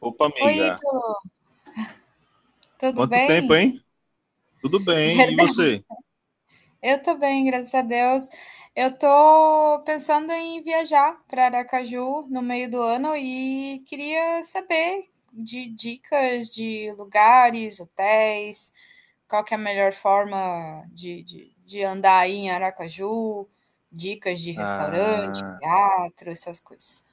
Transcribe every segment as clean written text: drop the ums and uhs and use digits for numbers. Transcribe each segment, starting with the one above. Opa, Oi, amiga. Ítalo, tudo Quanto tempo, bem? hein? Tudo bem, e Verdade, você? eu tô bem, graças a Deus. Eu tô pensando em viajar para Aracaju no meio do ano e queria saber de dicas de lugares, hotéis, qual que é a melhor forma de andar aí em Aracaju, dicas de restaurante, Ah, teatro, essas coisas.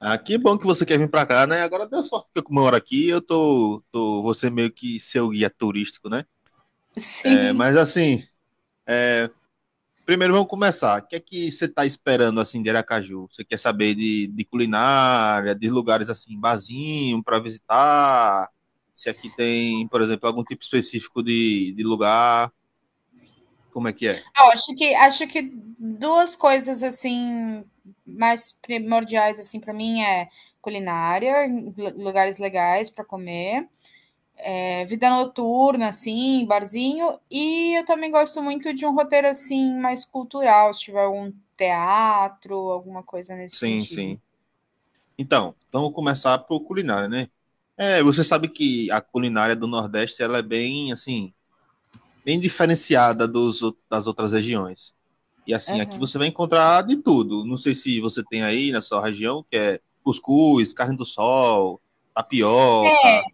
que bom que você quer vir pra cá, né? Agora deu sorte que eu moro aqui, eu tô você meio que seu guia turístico, né? É, Sim. mas assim, é, primeiro vamos começar. O que é que você tá esperando, assim, de Aracaju? Você quer saber de culinária, de lugares, assim, barzinho pra visitar? Se aqui tem, por exemplo, algum tipo específico de lugar? Como é que é? Ó, acho que 2 coisas, assim, mais primordiais, assim, para mim é culinária, lu lugares legais para comer, vida noturna, assim, barzinho, e eu também gosto muito de um roteiro, assim, mais cultural, se tiver algum teatro, alguma coisa nesse Sim, sentido. sim. Então, vamos começar por culinária, né? É, você sabe que a culinária do Nordeste ela é bem assim, bem diferenciada dos, das outras regiões. E assim, aqui Aham. você vai encontrar de tudo. Não sei se você tem aí na sua região, que é cuscuz, carne do sol, tapioca.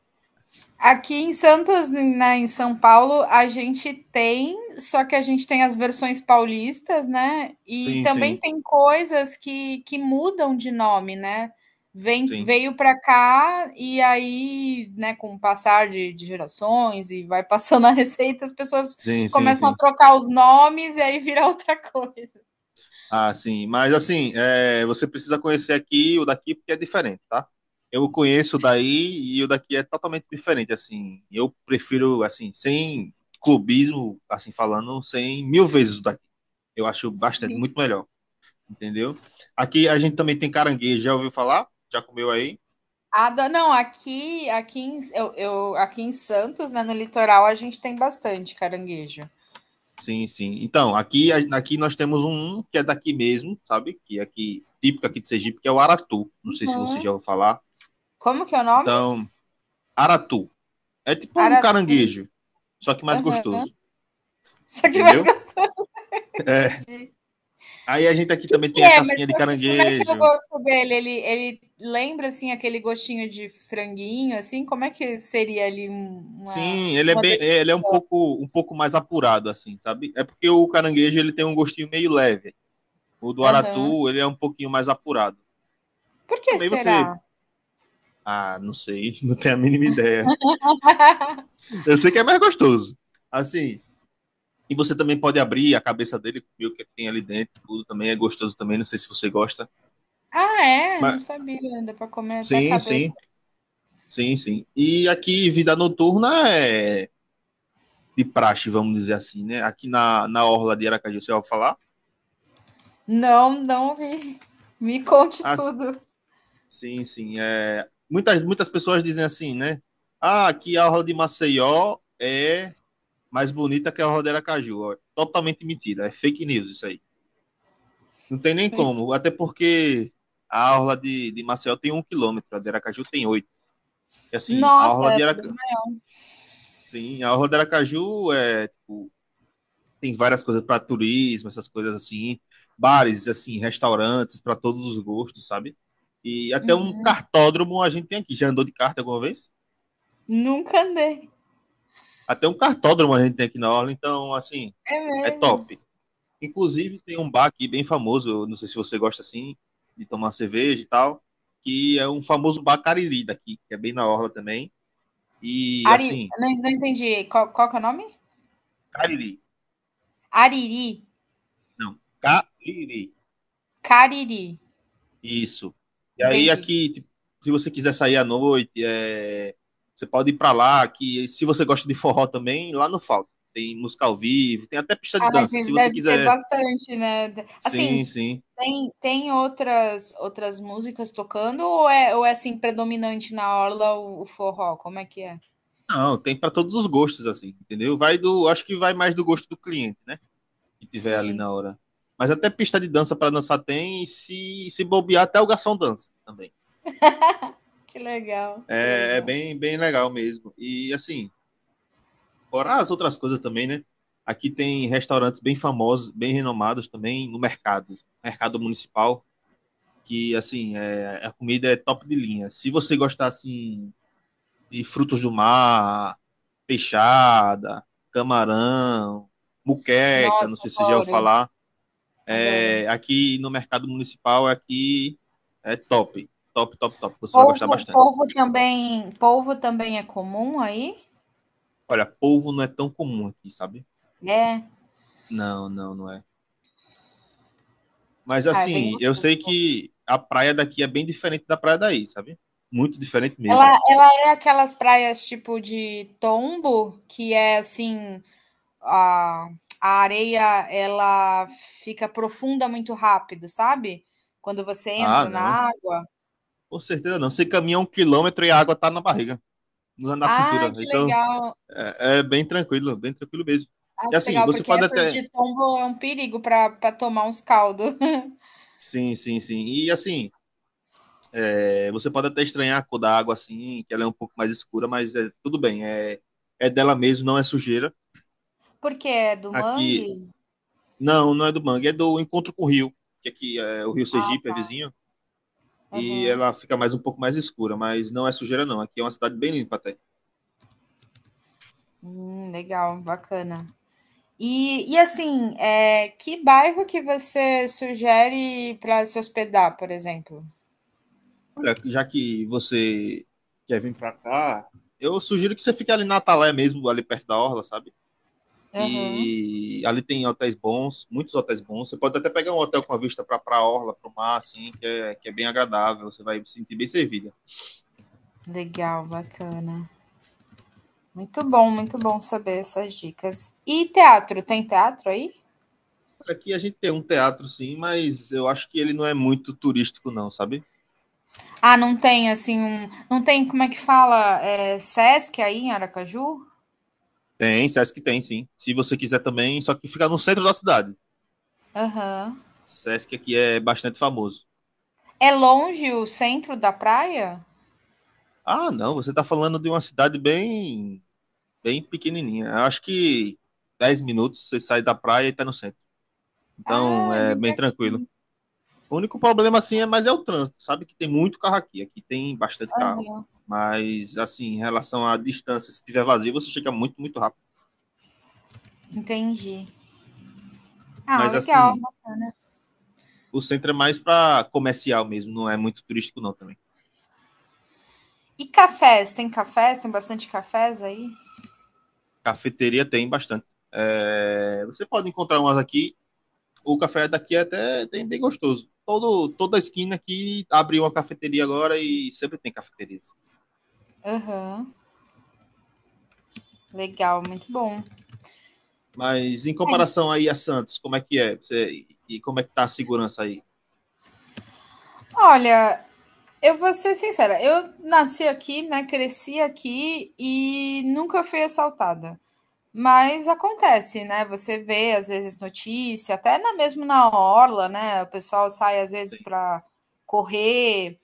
Aqui em Santos, na em São Paulo, a gente tem, só que a gente tem as versões paulistas, né? E Sim, também sim, tem coisas que mudam de nome, né? Vem, sim. veio para cá e aí, né, com o passar de gerações e vai passando a receita, as pessoas Sim, sim, começam a sim. trocar os nomes e aí vira outra coisa. Ah, sim. Mas assim, é, você precisa conhecer aqui e o daqui porque é diferente, tá? Eu conheço o daí e o daqui é totalmente diferente, assim. Eu prefiro, assim, sem clubismo, assim falando, sem mil vezes o daqui. Eu acho bastante, Sim. muito melhor, entendeu? Aqui a gente também tem caranguejo, já ouviu falar? Já comeu aí? Não, aqui em, aqui em Santos, né, no litoral, a gente tem bastante caranguejo. Sim, sim. Então, aqui, aqui nós temos um que é daqui mesmo, sabe? Que é aqui, típico aqui de Sergipe, que é o aratu. Não sei se você já Uhum. ouviu falar. Como que é o nome? Então, aratu. É tipo um Aratu. caranguejo, só que mais Aham. gostoso, Isso aqui mais entendeu? gostou, entendi. Aí a gente O aqui que também tem que a é? Mas casquinha de qual como é que é o caranguejo. gosto dele? Ele lembra assim aquele gostinho de franguinho, assim? Como é que seria ali um- uma Sim, ele é uma bem, das? ele é um pouco mais apurado assim, sabe? É porque o caranguejo ele tem um gostinho meio leve. O do Aham. aratu, ele é um pouquinho mais apurado. Por que Também será? você, ah, não sei, não tenho a mínima ideia. Eu sei que é mais gostoso. Assim, e você também pode abrir a cabeça dele, comer o que tem ali dentro, tudo também é gostoso também, não sei se você gosta. Ah, é? Não Mas sabia. Ainda para comer até a sim, cabeça. sim. Sim, sim. E aqui, vida noturna é de praxe, vamos dizer assim, né? Aqui na Orla de Aracaju, você vai falar? Não, não vi. Me conte Ah, s- tudo. sim, sim. É... Muitas pessoas dizem assim, né? Ah, aqui a Orla de Maceió é mais bonita que a Orla de Aracaju. Ó, totalmente mentira, é fake news isso aí. Não tem nem como, até porque a Orla de Maceió tem 1 km, a de Aracaju tem 8. E assim, a Orla Nossa, de Aracaju... Sim, a Orla de Aracaju é, tipo, tem várias coisas para turismo, essas coisas assim, bares, assim, restaurantes para todos os gostos, sabe? E até um uhum. cartódromo a gente tem aqui. Já andou de kart alguma vez? Nunca andei. Até um cartódromo a gente tem aqui na orla, então assim, É é mesmo. top. Inclusive tem um bar aqui bem famoso, eu não sei se você gosta assim de tomar cerveja e tal, que é um famoso bar Cariri daqui, que é bem na orla também. E Ari, assim, não, não entendi. Qual, qual que é o nome? Cariri, Ariri. não, Cariri. Cariri, Isso. E aí entendi. aqui, tipo, se você quiser sair à noite, é, você pode ir pra lá, que se você gosta de forró também, lá não falta. Tem música ao vivo, tem até pista de Ai, dança, se tem, você deve ter quiser. bastante, né. De Sim, assim, sim. tem tem outras músicas tocando ou é, assim, predominante na orla o forró, como é que é? Não, tem pra todos os gostos assim, entendeu? Vai do, acho que vai mais do gosto do cliente, né? Que tiver ali na Sim, hora. Mas até pista de dança pra dançar tem, e se bobear até o garçom dança também. que legal, que É, é legal. bem legal mesmo. E assim, fora as outras coisas também, né? Aqui tem restaurantes bem famosos, bem renomados também no mercado, mercado municipal, que assim, é, a comida é top de linha. Se você gostar assim de frutos do mar, peixada, camarão, muqueca, não Nossa, sei se você já ouviu adoro, falar, adoro. é, aqui no mercado municipal aqui é top, top, top, top. Você vai gostar Polvo bastante. polvo também, polvo também é comum aí? Olha, polvo não é tão comum aqui, sabe? É? Não, não é. Mas Ah, é bem assim, eu gostoso sei o polvo. que a praia daqui é bem diferente da praia daí, sabe? Muito diferente Ela mesmo. ela é aquelas praias tipo de tombo, que é assim a, a areia ela fica profunda muito rápido, sabe? Quando você Ah, entra na não. água. Com certeza não. Você caminha 1 km e a água tá na barriga, na Ai, cintura. que Então, legal! é, é bem tranquilo mesmo. Ai, E que assim, legal, você porque pode essas até. de tombo é um perigo para tomar uns caldos. Sim, sim, sim. E assim, é, você pode até estranhar a cor da água, assim, que ela é um pouco mais escura, mas é tudo bem. É, é dela mesmo, não é sujeira. Porque é do Aqui. mangue? Não, não é do mangue, é do encontro com o rio. Que aqui é o Rio Ah, Sergipe, é tá. vizinho. E Aham. ela fica mais um pouco mais escura, mas não é sujeira não. Aqui é uma cidade bem limpa até. Legal, bacana. E assim, é, que bairro que você sugere para se hospedar, por exemplo? Olha, já que você quer vir pra cá, eu sugiro que você fique ali na Atalé mesmo, ali perto da orla, sabe? Aham. E ali tem hotéis bons, muitos hotéis bons. Você pode até pegar um hotel com a vista para pra orla, para o mar, assim, que é bem agradável. Você vai se sentir bem servida. Legal, bacana. Muito bom saber essas dicas. E teatro, tem teatro aí? Aqui a gente tem um teatro, sim, mas eu acho que ele não é muito turístico, não, sabe? Ah, não tem assim um, não tem, como é que fala, é, Sesc aí em Aracaju? Tem, acho que tem, sim. Se você quiser também, só que fica no centro da cidade. Aham. Sesc aqui é bastante famoso. É longe o centro da praia? Ah, não, você está falando de uma cidade bem, bem pequenininha. Eu acho que 10 minutos você sai da praia e está no centro. Então Ah, é é bem bem tranquilo. pertinho. O único problema assim é, mas é o trânsito. Sabe que tem muito carro aqui, aqui tem bastante carro. Aham. Mas assim, em relação à distância, se tiver vazio, você chega muito, muito rápido. Entendi. Ah, Mas legal. assim, o centro é mais para comercial mesmo, não é muito turístico não também. E cafés? Tem bastante cafés aí? Cafeteria tem bastante. É, você pode encontrar umas aqui o café daqui é até tem bem gostoso. Todo, toda esquina aqui abriu uma cafeteria agora e sempre tem cafeterias. Aham. Legal, muito bom. Mas em comparação aí a Santos, como é que é? Você, e como é que tá a segurança aí? Olha, eu vou ser sincera, eu nasci aqui, né, cresci aqui e nunca fui assaltada. Mas acontece, né, você vê às vezes notícia, até na mesmo na orla, né, o pessoal sai às vezes Tem para correr,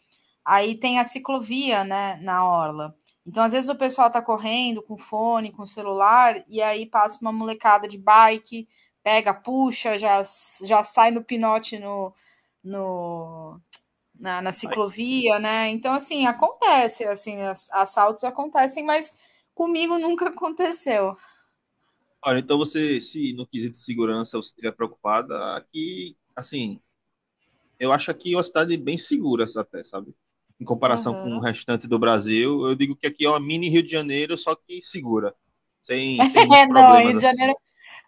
aí tem a ciclovia, né, na orla. Então às vezes o pessoal tá correndo com fone, com celular, e aí passa uma molecada de bike, pega, puxa, já sai no pinote no no na na bike? ciclovia, né. Então assim, acontece, assim, assaltos acontecem, mas comigo nunca aconteceu. Olha, então você, se no quesito de segurança você estiver preocupada, aqui, assim, eu acho aqui uma cidade bem segura até, sabe? Em comparação com o Aham. restante do Brasil, eu digo que aqui é uma mini Rio de Janeiro, só que segura, sem muitos É, não, problemas assim.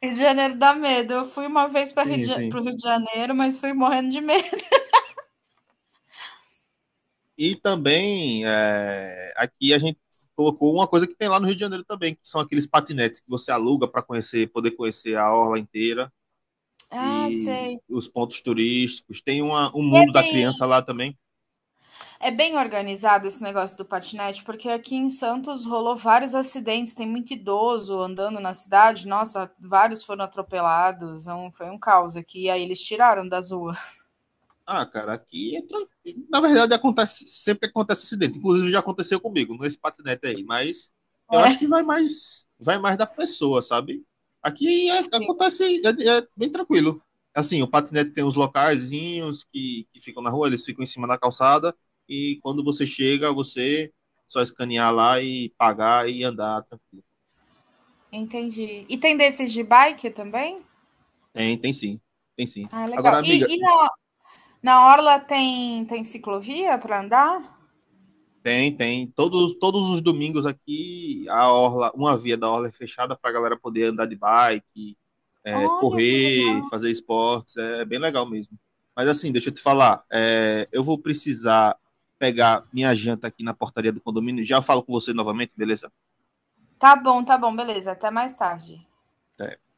Rio de Janeiro dá medo. Eu fui uma vez para Rio de Sim, Ja sim. para o Rio de Janeiro, mas fui morrendo de medo. E também é, aqui a gente colocou uma coisa que tem lá no Rio de Janeiro também, que são aqueles patinetes que você aluga para conhecer, poder conhecer a orla inteira Ah, e sei. os pontos turísticos. Tem uma, um E é mundo da bem criança lá também, é bem organizado esse negócio do patinete, porque aqui em Santos rolou vários acidentes, tem muito idoso andando na cidade. Nossa, vários foram atropelados, um foi um caos aqui, aí eles tiraram das ruas. ah, cara, aqui é tranquilo. Na verdade, acontece, sempre acontece acidente. Inclusive, já aconteceu comigo nesse patinete aí. Mas eu acho É, que vai mais da pessoa, sabe? Aqui sim, acontece, é, é bem tranquilo. Assim, o patinete tem uns locaizinhos que ficam na rua, eles ficam em cima da calçada. E quando você chega, você só escanear lá e pagar e andar tranquilo. entendi. E tem desses de bike também? Tem, tem sim. Tem sim. Ah, legal. Agora, E e amiga, na na orla tem tem ciclovia para andar? tem, tem. Todos os domingos aqui, a orla, uma via da orla é fechada para a galera poder andar de bike, é, Olha, que legal. correr, fazer esportes. É bem legal mesmo. Mas assim, deixa eu te falar, é, eu vou precisar pegar minha janta aqui na portaria do condomínio. Já falo com você novamente, beleza? Tá bom, beleza. Até mais tarde. Até.